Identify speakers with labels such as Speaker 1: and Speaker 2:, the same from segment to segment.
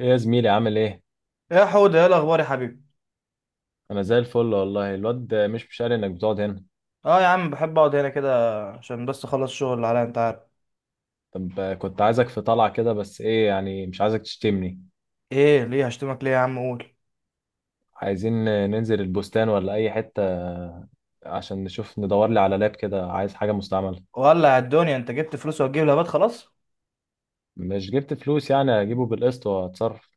Speaker 1: ايه يا زميلي عامل ايه؟
Speaker 2: يا حودة ايه الاخبار يا حبيبي؟
Speaker 1: انا زي الفل والله. الواد مش قال انك بتقعد هنا.
Speaker 2: اه يا عم، بحب اقعد هنا كده عشان بس اخلص الشغل اللي عليا، انت عارف.
Speaker 1: طب كنت عايزك في طلعة كده، بس ايه يعني، مش عايزك تشتمني.
Speaker 2: ايه ليه هشتمك ليه يا عم؟ قول.
Speaker 1: عايزين ننزل البستان ولا اي حتة، عشان نشوف ندور لي على لاب كده، عايز حاجة مستعملة.
Speaker 2: ولع الدنيا، انت جبت فلوس وهتجيب لابات؟ خلاص.
Speaker 1: مش جبت فلوس، يعني اجيبه بالقسط واتصرف.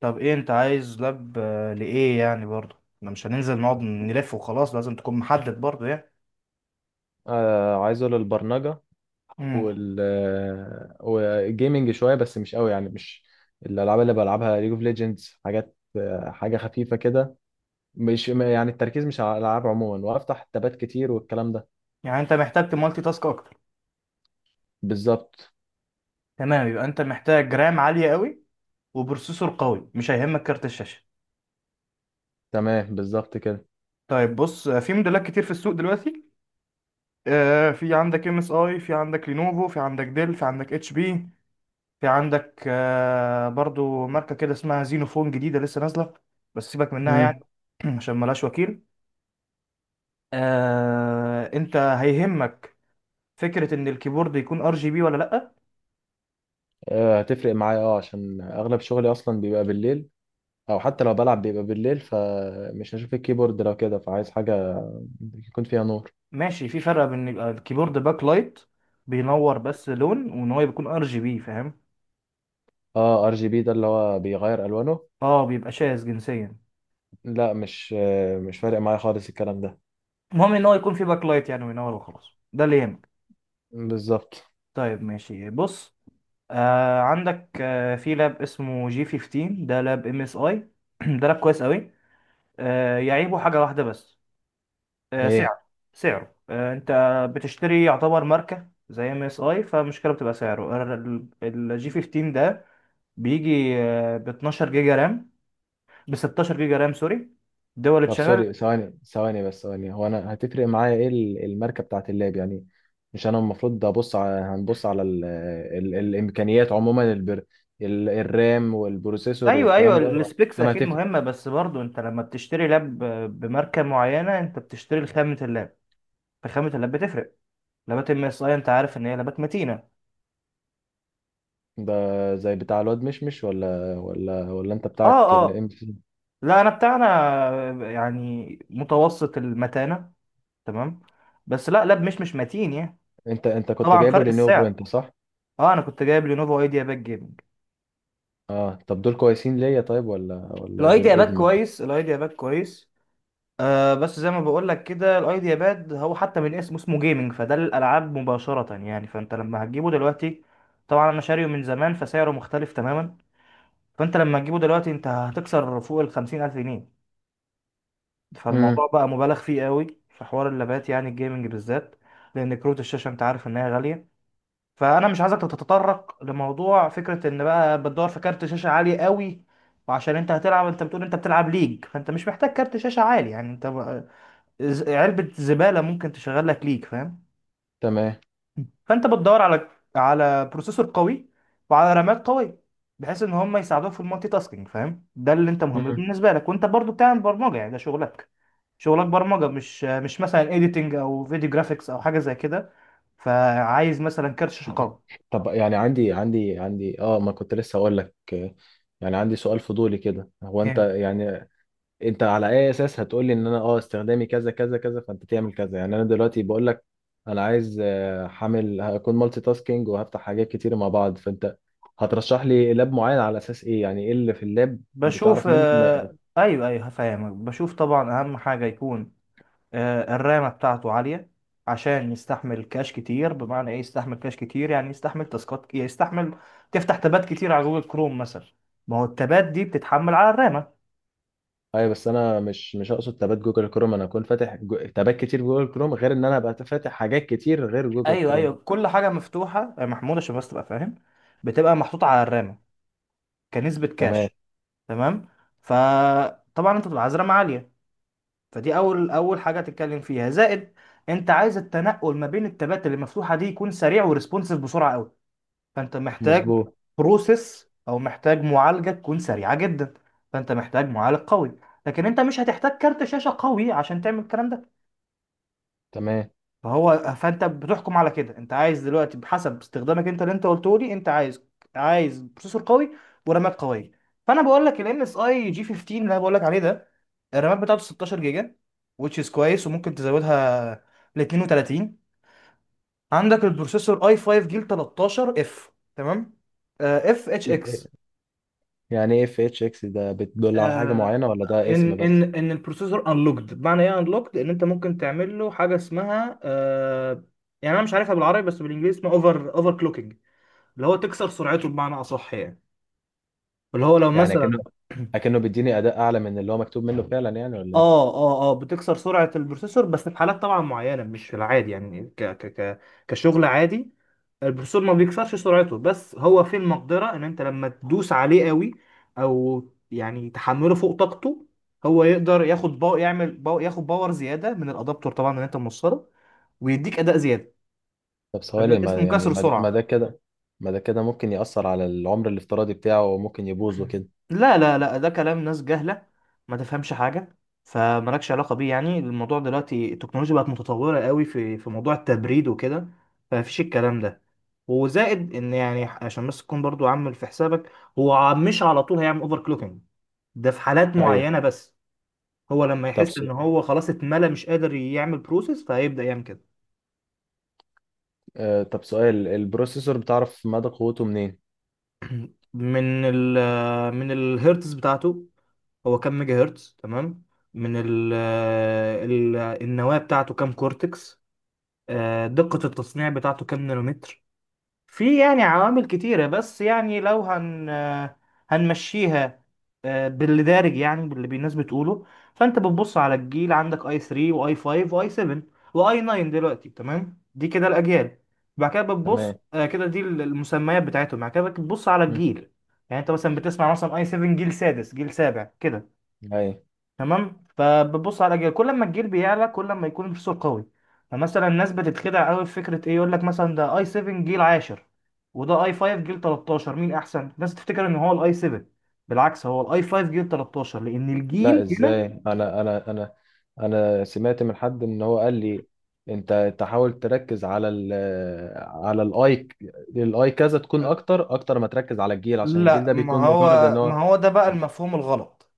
Speaker 2: طب ايه انت عايز لاب لايه يعني؟ برضه احنا مش هننزل نقعد نلف وخلاص، لازم تكون محدد برضه يعني.
Speaker 1: آه، عايزه للبرمجة
Speaker 2: امم
Speaker 1: وال والجيمنج شوية، بس مش قوي يعني، مش الالعاب اللي بلعبها ليج اوف ليجندز، حاجات حاجة خفيفة كده. مش ما- يعني التركيز مش على الالعاب عموما، وافتح تابات كتير والكلام ده.
Speaker 2: يعني انت محتاج تمالتي تاسك اكتر.
Speaker 1: بالظبط.
Speaker 2: تمام، يبقى انت محتاج رام عالية قوي وبروسيسور قوي، مش هيهمك كارت الشاشة.
Speaker 1: تمام، بالظبط كده.
Speaker 2: طيب بص، في موديلات كتير في السوق دلوقتي. في عندك ام اس اي، في عندك لينوفو، في عندك ديل، في عندك اتش بي. في عندك برضو ماركة كده اسمها زينوفون، جديدة لسه نازلة، بس سيبك منها
Speaker 1: امم.
Speaker 2: يعني. عشان ملهاش وكيل. انت هيهمك فكرة ان الكيبورد يكون ار جي بي ولا لأ؟
Speaker 1: هتفرق معايا، اه، عشان اغلب شغلي اصلا بيبقى بالليل، او حتى لو بلعب بيبقى بالليل، فمش هشوف الكيبورد لو كده، فعايز حاجه يكون فيها نور.
Speaker 2: ماشي، في فرق بين يبقى الكيبورد باك لايت، بينور بس لون، وان هو يكون ار جي بي، فاهم؟
Speaker 1: اه، ار جي بي ده اللي هو بيغير الوانه.
Speaker 2: اه بيبقى شاذ جنسيا.
Speaker 1: لا، مش فارق معايا خالص الكلام ده.
Speaker 2: المهم ان هو يكون في باك لايت يعني وينور وخلاص، ده اللي يهمك.
Speaker 1: بالظبط.
Speaker 2: طيب ماشي، بص، آه عندك في لاب اسمه جي 15، ده لاب ام اس اي. ده لاب كويس قوي، يعيبه حاجة واحدة بس،
Speaker 1: ايه؟
Speaker 2: سعر. سعره، انت بتشتري، يعتبر ماركة زي ام اس اي، فالمشكلة بتبقى سعره. الجي 15 ده بيجي ب 12 جيجا رام، ب 16 جيجا رام، سوري، دول
Speaker 1: طب
Speaker 2: تشانل.
Speaker 1: سوري، ثواني بس، هو انا هتفرق معايا ايه الماركه بتاعت اللاب يعني؟ مش انا المفروض ابص على، هنبص على ال الامكانيات عموما، ال الرام والبروسيسور
Speaker 2: ايوه ايوه،
Speaker 1: والكلام ده؟
Speaker 2: السبيكس
Speaker 1: انا
Speaker 2: اكيد
Speaker 1: هتفرق
Speaker 2: مهمة، بس برضو انت لما بتشتري لاب بماركة معينة، انت بتشتري خامة اللاب. فخامة اللاب بتفرق. لابات ام اس اي انت عارف ان هي لابات متينة.
Speaker 1: ده زي بتاع الواد مشمش ولا انت بتاعك
Speaker 2: اه
Speaker 1: الام
Speaker 2: اه.
Speaker 1: سي؟
Speaker 2: لا، انا بتاعنا يعني متوسط المتانة، تمام، بس لا لاب مش متين يعني.
Speaker 1: انت كنت
Speaker 2: طبعا
Speaker 1: جايبه
Speaker 2: فرق
Speaker 1: لينوفو
Speaker 2: السعر.
Speaker 1: انت، صح؟
Speaker 2: اه، انا كنت جايب لينوفو ايديا باد جيمنج.
Speaker 1: اه، طب دول كويسين ليا طيب ولا دول
Speaker 2: الايديا باد
Speaker 1: ادمو؟
Speaker 2: كويس، الايديا باد كويس، آه بس زي ما بقول لك كده، الايديا باد هو حتى من اسمه جيمنج، فده للالعاب مباشره يعني، فانت لما هتجيبه دلوقتي، طبعا انا شاريه من زمان فسعره مختلف تماما. فانت لما تجيبه دلوقتي، انت هتكسر فوق ال 50,000 الف جنيه.
Speaker 1: امم.
Speaker 2: فالموضوع بقى مبالغ فيه قوي في حوار اللابات يعني، الجيمنج بالذات، لان كروت الشاشه انت عارف ان هي غاليه. فانا مش عايزك تتطرق لموضوع فكره ان بقى بتدور في كارت شاشه عالي قوي. وعشان انت هتلعب، انت بتقول انت بتلعب ليج، فانت مش محتاج كارت شاشه عالي يعني. انت علبه زباله ممكن تشغل لك ليج، فاهم؟
Speaker 1: تمام.
Speaker 2: فانت بتدور على بروسيسور قوي وعلى رامات قويه، بحيث ان هم يساعدوك في المالتي تاسكينج، فاهم؟ ده اللي انت مهم
Speaker 1: مم.
Speaker 2: بالنسبه لك، وانت برضو بتعمل برمجه يعني، ده شغلك. شغلك برمجه مش مثلا اديتنج او فيديو جرافيكس او حاجه زي كده، فعايز مثلا كارت شاشه قوي.
Speaker 1: طب يعني، عندي اه، ما كنت لسه هقول لك، يعني عندي سؤال فضولي كده، هو انت يعني، انت على اي اساس هتقول لي ان انا، اه، استخدامي كذا كذا كذا، فانت تعمل كذا؟ يعني انا دلوقتي بقول لك انا عايز، حامل هكون مالتي تاسكينج وهفتح حاجات كتير مع بعض، فانت هترشح لي لاب معين على اساس ايه يعني؟ ايه اللي في اللاب
Speaker 2: بشوف،
Speaker 1: بتعرف منه ان...
Speaker 2: ايوه ايوه هفهمك. بشوف، طبعا اهم حاجه يكون الرامه بتاعته عاليه، عشان يستحمل كاش كتير. بمعنى ايه يستحمل كاش كتير؟ يعني يستحمل تاسكات، يعني يستحمل تفتح تابات كتير على جوجل كروم مثلا، ما هو التابات دي بتتحمل على الرامه.
Speaker 1: ايوه، بس انا مش اقصد تابات جوجل كروم، انا هكون فاتح تابات كتير في جوجل كروم، غير ان انا ابقى فاتح حاجات كتير غير جوجل
Speaker 2: ايوه
Speaker 1: كروم.
Speaker 2: ايوه، كل حاجه مفتوحه يا محمود عشان بس تبقى فاهم، بتبقى محطوطه على الرامه كنسبه
Speaker 1: تمام.
Speaker 2: كاش. تمام. فطبعا انت بتبقى عايز رامه عاليه، فدي اول اول حاجه تتكلم فيها. زائد، انت عايز التنقل ما بين التابات اللي مفتوحه دي يكون سريع وريسبونسيف، بسرعه قوي، فانت محتاج
Speaker 1: مظبوط.
Speaker 2: بروسيس او محتاج معالجه تكون سريعه جدا، فانت محتاج معالج قوي. لكن انت مش هتحتاج كارت شاشه قوي عشان تعمل الكلام ده.
Speaker 1: تمام.
Speaker 2: فانت بتحكم على كده، انت عايز دلوقتي بحسب استخدامك انت، اللي انت قلته لي، انت عايز بروسيسور قوي ورامات قويه. فانا بقول لك الام اس اي جي 15 اللي انا بقول لك عليه ده، الرامات بتاعته 16 جيجا، which is كويس، وممكن تزودها ل 32. عندك البروسيسور اي 5 جيل 13 اف، تمام، اف اتش اكس.
Speaker 1: يعني ايه اف اتش اكس ده؟ بتدل على حاجه
Speaker 2: آه،
Speaker 1: معينه ولا ده اسم
Speaker 2: ان
Speaker 1: بس؟
Speaker 2: ان ان البروسيسور انلوكد. بمعنى ايه انلوكد؟ ان انت ممكن تعمل له حاجه اسمها يعني انا مش عارفها بالعربي بس بالانجليزي اسمها اوفر كلوكينج، اللي هو تكسر سرعته بمعنى اصح يعني. اللي هو لو
Speaker 1: يعني
Speaker 2: مثلا،
Speaker 1: اكنه، اكنه بيديني اداء اعلى من اللي هو مكتوب منه فعلا يعني، ولا ايه؟
Speaker 2: اه بتكسر سرعة البروسيسور بس في حالات طبعا معينة، مش في العادي يعني، ك ك ك كشغل عادي البروسيسور ما بيكسرش سرعته، بس هو في المقدرة ان انت لما تدوس عليه قوي، او يعني تحمله فوق طاقته، هو يقدر ياخد باور زيادة من الادابتور طبعا اللي انت موصله، ويديك اداء زيادة.
Speaker 1: طب ثواني،
Speaker 2: اداء اسمه
Speaker 1: ما يعني،
Speaker 2: كسر
Speaker 1: ما ده ما
Speaker 2: سرعة.
Speaker 1: ده كده، ما ده كده ممكن ياثر على العمر الافتراضي بتاعه وممكن يبوظ وكده.
Speaker 2: لا، ده كلام ناس جهلة ما تفهمش حاجة، فمالكش علاقة بيه يعني. الموضوع دلوقتي التكنولوجيا بقت متطورة قوي في موضوع التبريد وكده، فمفيش الكلام ده. وزائد ان يعني عشان بس تكون برضو عامل في حسابك، هو مش على طول هيعمل اوفر كلوكينج، ده في حالات
Speaker 1: ايوه.
Speaker 2: معينة بس، هو لما
Speaker 1: طب
Speaker 2: يحس ان
Speaker 1: سؤال.
Speaker 2: هو خلاص اتملى مش قادر يعمل بروسيس فهيبدأ يعمل كده.
Speaker 1: آه، طب سؤال، البروسيسور بتعرف مدى قوته منين؟
Speaker 2: من من الهيرتز بتاعته، هو كام ميجا هرتز، تمام، من ال ال النواة بتاعته كام كورتكس، دقة التصنيع بتاعته كام نانومتر. في يعني عوامل كتيرة، بس يعني لو هنمشيها باللي دارج يعني باللي الناس بتقوله، فانت بتبص على الجيل، عندك اي 3 واي 5 واي 7 واي 9 دلوقتي، تمام، دي كده الاجيال. بعد كده بتبص،
Speaker 1: تمام.
Speaker 2: كده دي المسميات بتاعتهم، بعد كده بتبص على
Speaker 1: مم.
Speaker 2: الجيل، يعني انت مثلا بتسمع مثلا اي 7 جيل سادس جيل سابع كده.
Speaker 1: ايوه.
Speaker 2: تمام، فبتبص على جيل، كل ما الجيل بيعلى كل ما يكون البروسيسور قوي. فمثلا الناس بتتخدع قوي في فكره ايه، يقول لك مثلا ده اي 7 جيل 10 وده اي 5 جيل 13، مين احسن؟ الناس تفتكر ان هو الاي 7، بالعكس هو الاي 5 جيل 13 لان
Speaker 1: لا،
Speaker 2: الجيل هنا.
Speaker 1: ازاي؟ انا انا سمعت من حد، ان هو قال لي انت تحاول تركز على الاي، الاي كذا، تكون اكتر، اكتر ما تركز على الجيل، عشان الجيل
Speaker 2: لا،
Speaker 1: ده
Speaker 2: ما
Speaker 1: بيكون مجرد ان
Speaker 2: هو
Speaker 1: هو...
Speaker 2: ما هو ده بقى المفهوم الغلط.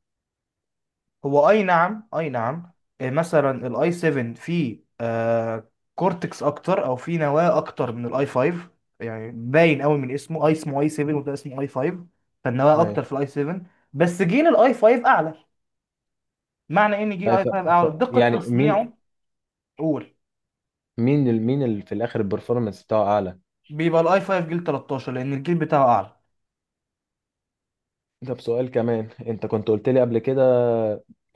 Speaker 2: هو اي نعم، اي نعم مثلا الاي 7 فيه آه كورتكس اكتر او فيه نواه اكتر من الاي 5، يعني باين قوي من اسمه، اسمه اي 7 وده اسمه اي 5، فالنواه
Speaker 1: اي.
Speaker 2: اكتر في الاي 7، بس جيل الاي 5 اعلى، معنى ان جيل
Speaker 1: أي
Speaker 2: الاي
Speaker 1: ف...
Speaker 2: 5 اعلى دقة
Speaker 1: يعني مين،
Speaker 2: تصنيعه. قول.
Speaker 1: مين اللي في الاخر البرفورمانس بتاعه اعلى؟
Speaker 2: بيبقى الاي 5 جيل 13 لان الجيل بتاعه اعلى.
Speaker 1: ده بسؤال كمان، انت كنت قلت لي قبل كده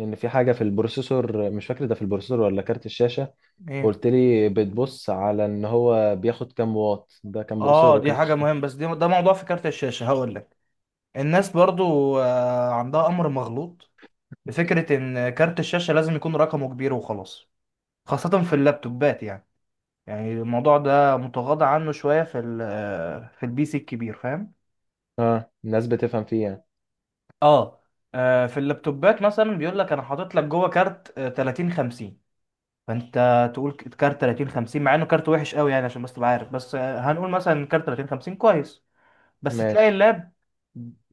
Speaker 1: ان في حاجه في البروسيسور، مش فاكر ده في البروسيسور ولا كارت الشاشه،
Speaker 2: ايه؟
Speaker 1: قلت لي بتبص على ان هو بياخد كام واط، ده كان بروسيسور
Speaker 2: اه
Speaker 1: ولا
Speaker 2: دي
Speaker 1: كارت؟
Speaker 2: حاجة مهمة، بس دي ده موضوع في كارت الشاشة، هقول لك. الناس برضو آه عندها امر مغلوط بفكرة إن كارت الشاشة لازم يكون رقمه كبير وخلاص، خاصة في اللابتوبات يعني. يعني الموضوع ده متغاضى عنه شوية في في البي سي الكبير، فاهم؟
Speaker 1: اه، الناس بتفهم فيه يعني.
Speaker 2: اه في اللابتوبات مثلا بيقول لك أنا حاطط لك جوه كارت 30 50، فأنت تقول كارت 30 50، مع إنه كارت وحش قوي. يعني عشان بس تبقى عارف، بس هنقول مثلا كارت 30 50 كويس، بس تلاقي
Speaker 1: ماشي.
Speaker 2: اللاب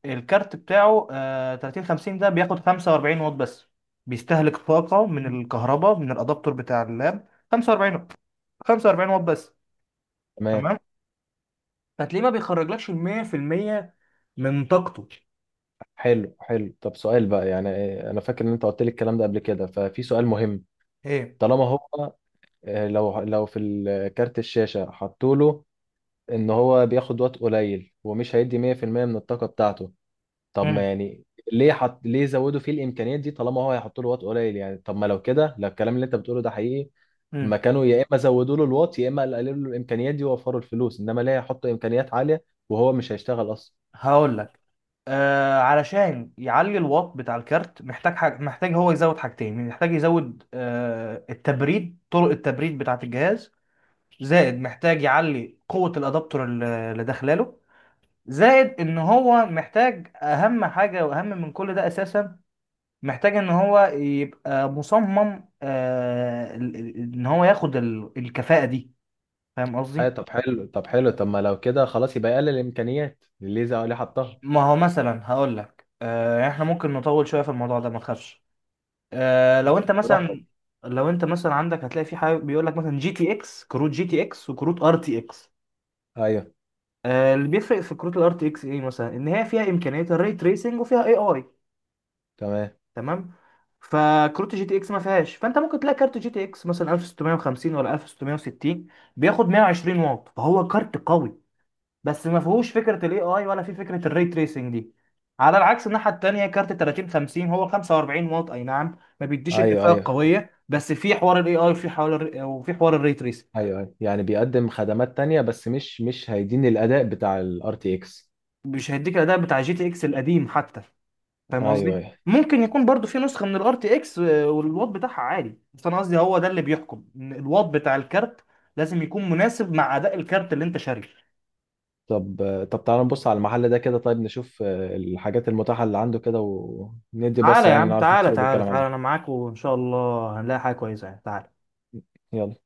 Speaker 2: الكارت بتاعه آه 30 50 ده بياخد 45 واط بس، بيستهلك طاقة من الكهرباء من الادابتور بتاع اللاب 45 واط، 45 واط بس.
Speaker 1: تمام.
Speaker 2: تمام، فتلاقيه ما بيخرجلكش ال 100% من طاقته.
Speaker 1: حلو، حلو. طب سؤال بقى، يعني إيه، انا فاكر ان انت قلت لي الكلام ده قبل كده، ففي سؤال مهم.
Speaker 2: ايه؟
Speaker 1: طالما هو، لو في كارت الشاشة حطوا له ان هو بياخد وقت قليل ومش هيدي 100% من الطاقة بتاعته، طب ما
Speaker 2: امم
Speaker 1: يعني ليه حط، ليه زودوا فيه الامكانيات دي طالما هو هيحطوا له وقت قليل؟ يعني طب ما، لو كده، لو الكلام اللي انت بتقوله ده حقيقي، ما
Speaker 2: امم
Speaker 1: كانوا يا اما زودوا له الواط، يا اما قللوا له الامكانيات دي ووفروا الفلوس، انما ليه يحطوا امكانيات عالية وهو مش هيشتغل اصلا؟
Speaker 2: هقول لك، آه علشان يعلي الواط بتاع الكارت محتاج حاجة، محتاج هو يزود حاجتين، محتاج يزود آه التبريد، طرق التبريد بتاعة الجهاز، زائد محتاج يعلي قوة الأدابتور اللي داخلاله، زائد إن هو محتاج أهم حاجة وأهم من كل ده أساسا، محتاج إن هو يبقى مصمم آه إن هو ياخد الكفاءة دي، فاهم
Speaker 1: اي.
Speaker 2: قصدي؟
Speaker 1: طب حلو، طب ما لو كده خلاص يبقى يقلل الامكانيات الليزا اللي حطها.
Speaker 2: ما هو مثلا هقول لك آه، إحنا ممكن نطول شوية في الموضوع ده ما تخافش. آه
Speaker 1: براحتك.
Speaker 2: لو أنت مثلا عندك، هتلاقي في حاجة بيقول لك مثلا جي تي إكس، كروت جي تي إكس وكروت ار تي إكس،
Speaker 1: ايوه.
Speaker 2: اللي بيفرق في كروت الار تي اكس ايه مثلا؟ ان هي فيها امكانيه الري تريسنج وفيها اي اي.
Speaker 1: تمام.
Speaker 2: تمام، فكروت جي تي اكس ما فيهاش، فانت ممكن تلاقي كارت جي تي اكس مثلا 1650 ولا 1660 بياخد 120 واط، فهو كارت قوي، بس ما فيهوش فكره الاي اي ولا في فكره الري تريسنج دي. على العكس، الناحيه التانيه كارت 3050 هو 45 واط، اي نعم ما بيديش
Speaker 1: ايوه
Speaker 2: الكفاءه
Speaker 1: ايوه.
Speaker 2: القويه، بس في حوار الاي اي وفي حوار الري تريسنج.
Speaker 1: ايوه، يعني بيقدم خدمات تانية، بس مش هيديني الاداء بتاع الار تي اكس.
Speaker 2: مش هيديك الاداء بتاع جي تي اكس القديم حتى، فاهم
Speaker 1: ايوه
Speaker 2: قصدي؟
Speaker 1: ايوه.
Speaker 2: ممكن يكون برضو في نسخه من الار تي اكس والواط بتاعها عالي، بس انا قصدي هو ده اللي بيحكم، ان الواط بتاع الكارت لازم يكون مناسب مع اداء الكارت اللي انت شاريه.
Speaker 1: طب طب تعالى نبص على المحل ده كده، طيب، نشوف الحاجات المتاحة اللي عنده كده، وندي
Speaker 2: تعالى
Speaker 1: بصة
Speaker 2: يا
Speaker 1: يعني،
Speaker 2: عم،
Speaker 1: نعرف
Speaker 2: تعالى
Speaker 1: السوق
Speaker 2: تعالى
Speaker 1: بيتكلم
Speaker 2: تعالى، انا
Speaker 1: عليه.
Speaker 2: معاك وان شاء الله هنلاقي حاجه كويسه يعني، تعالى.
Speaker 1: يلا.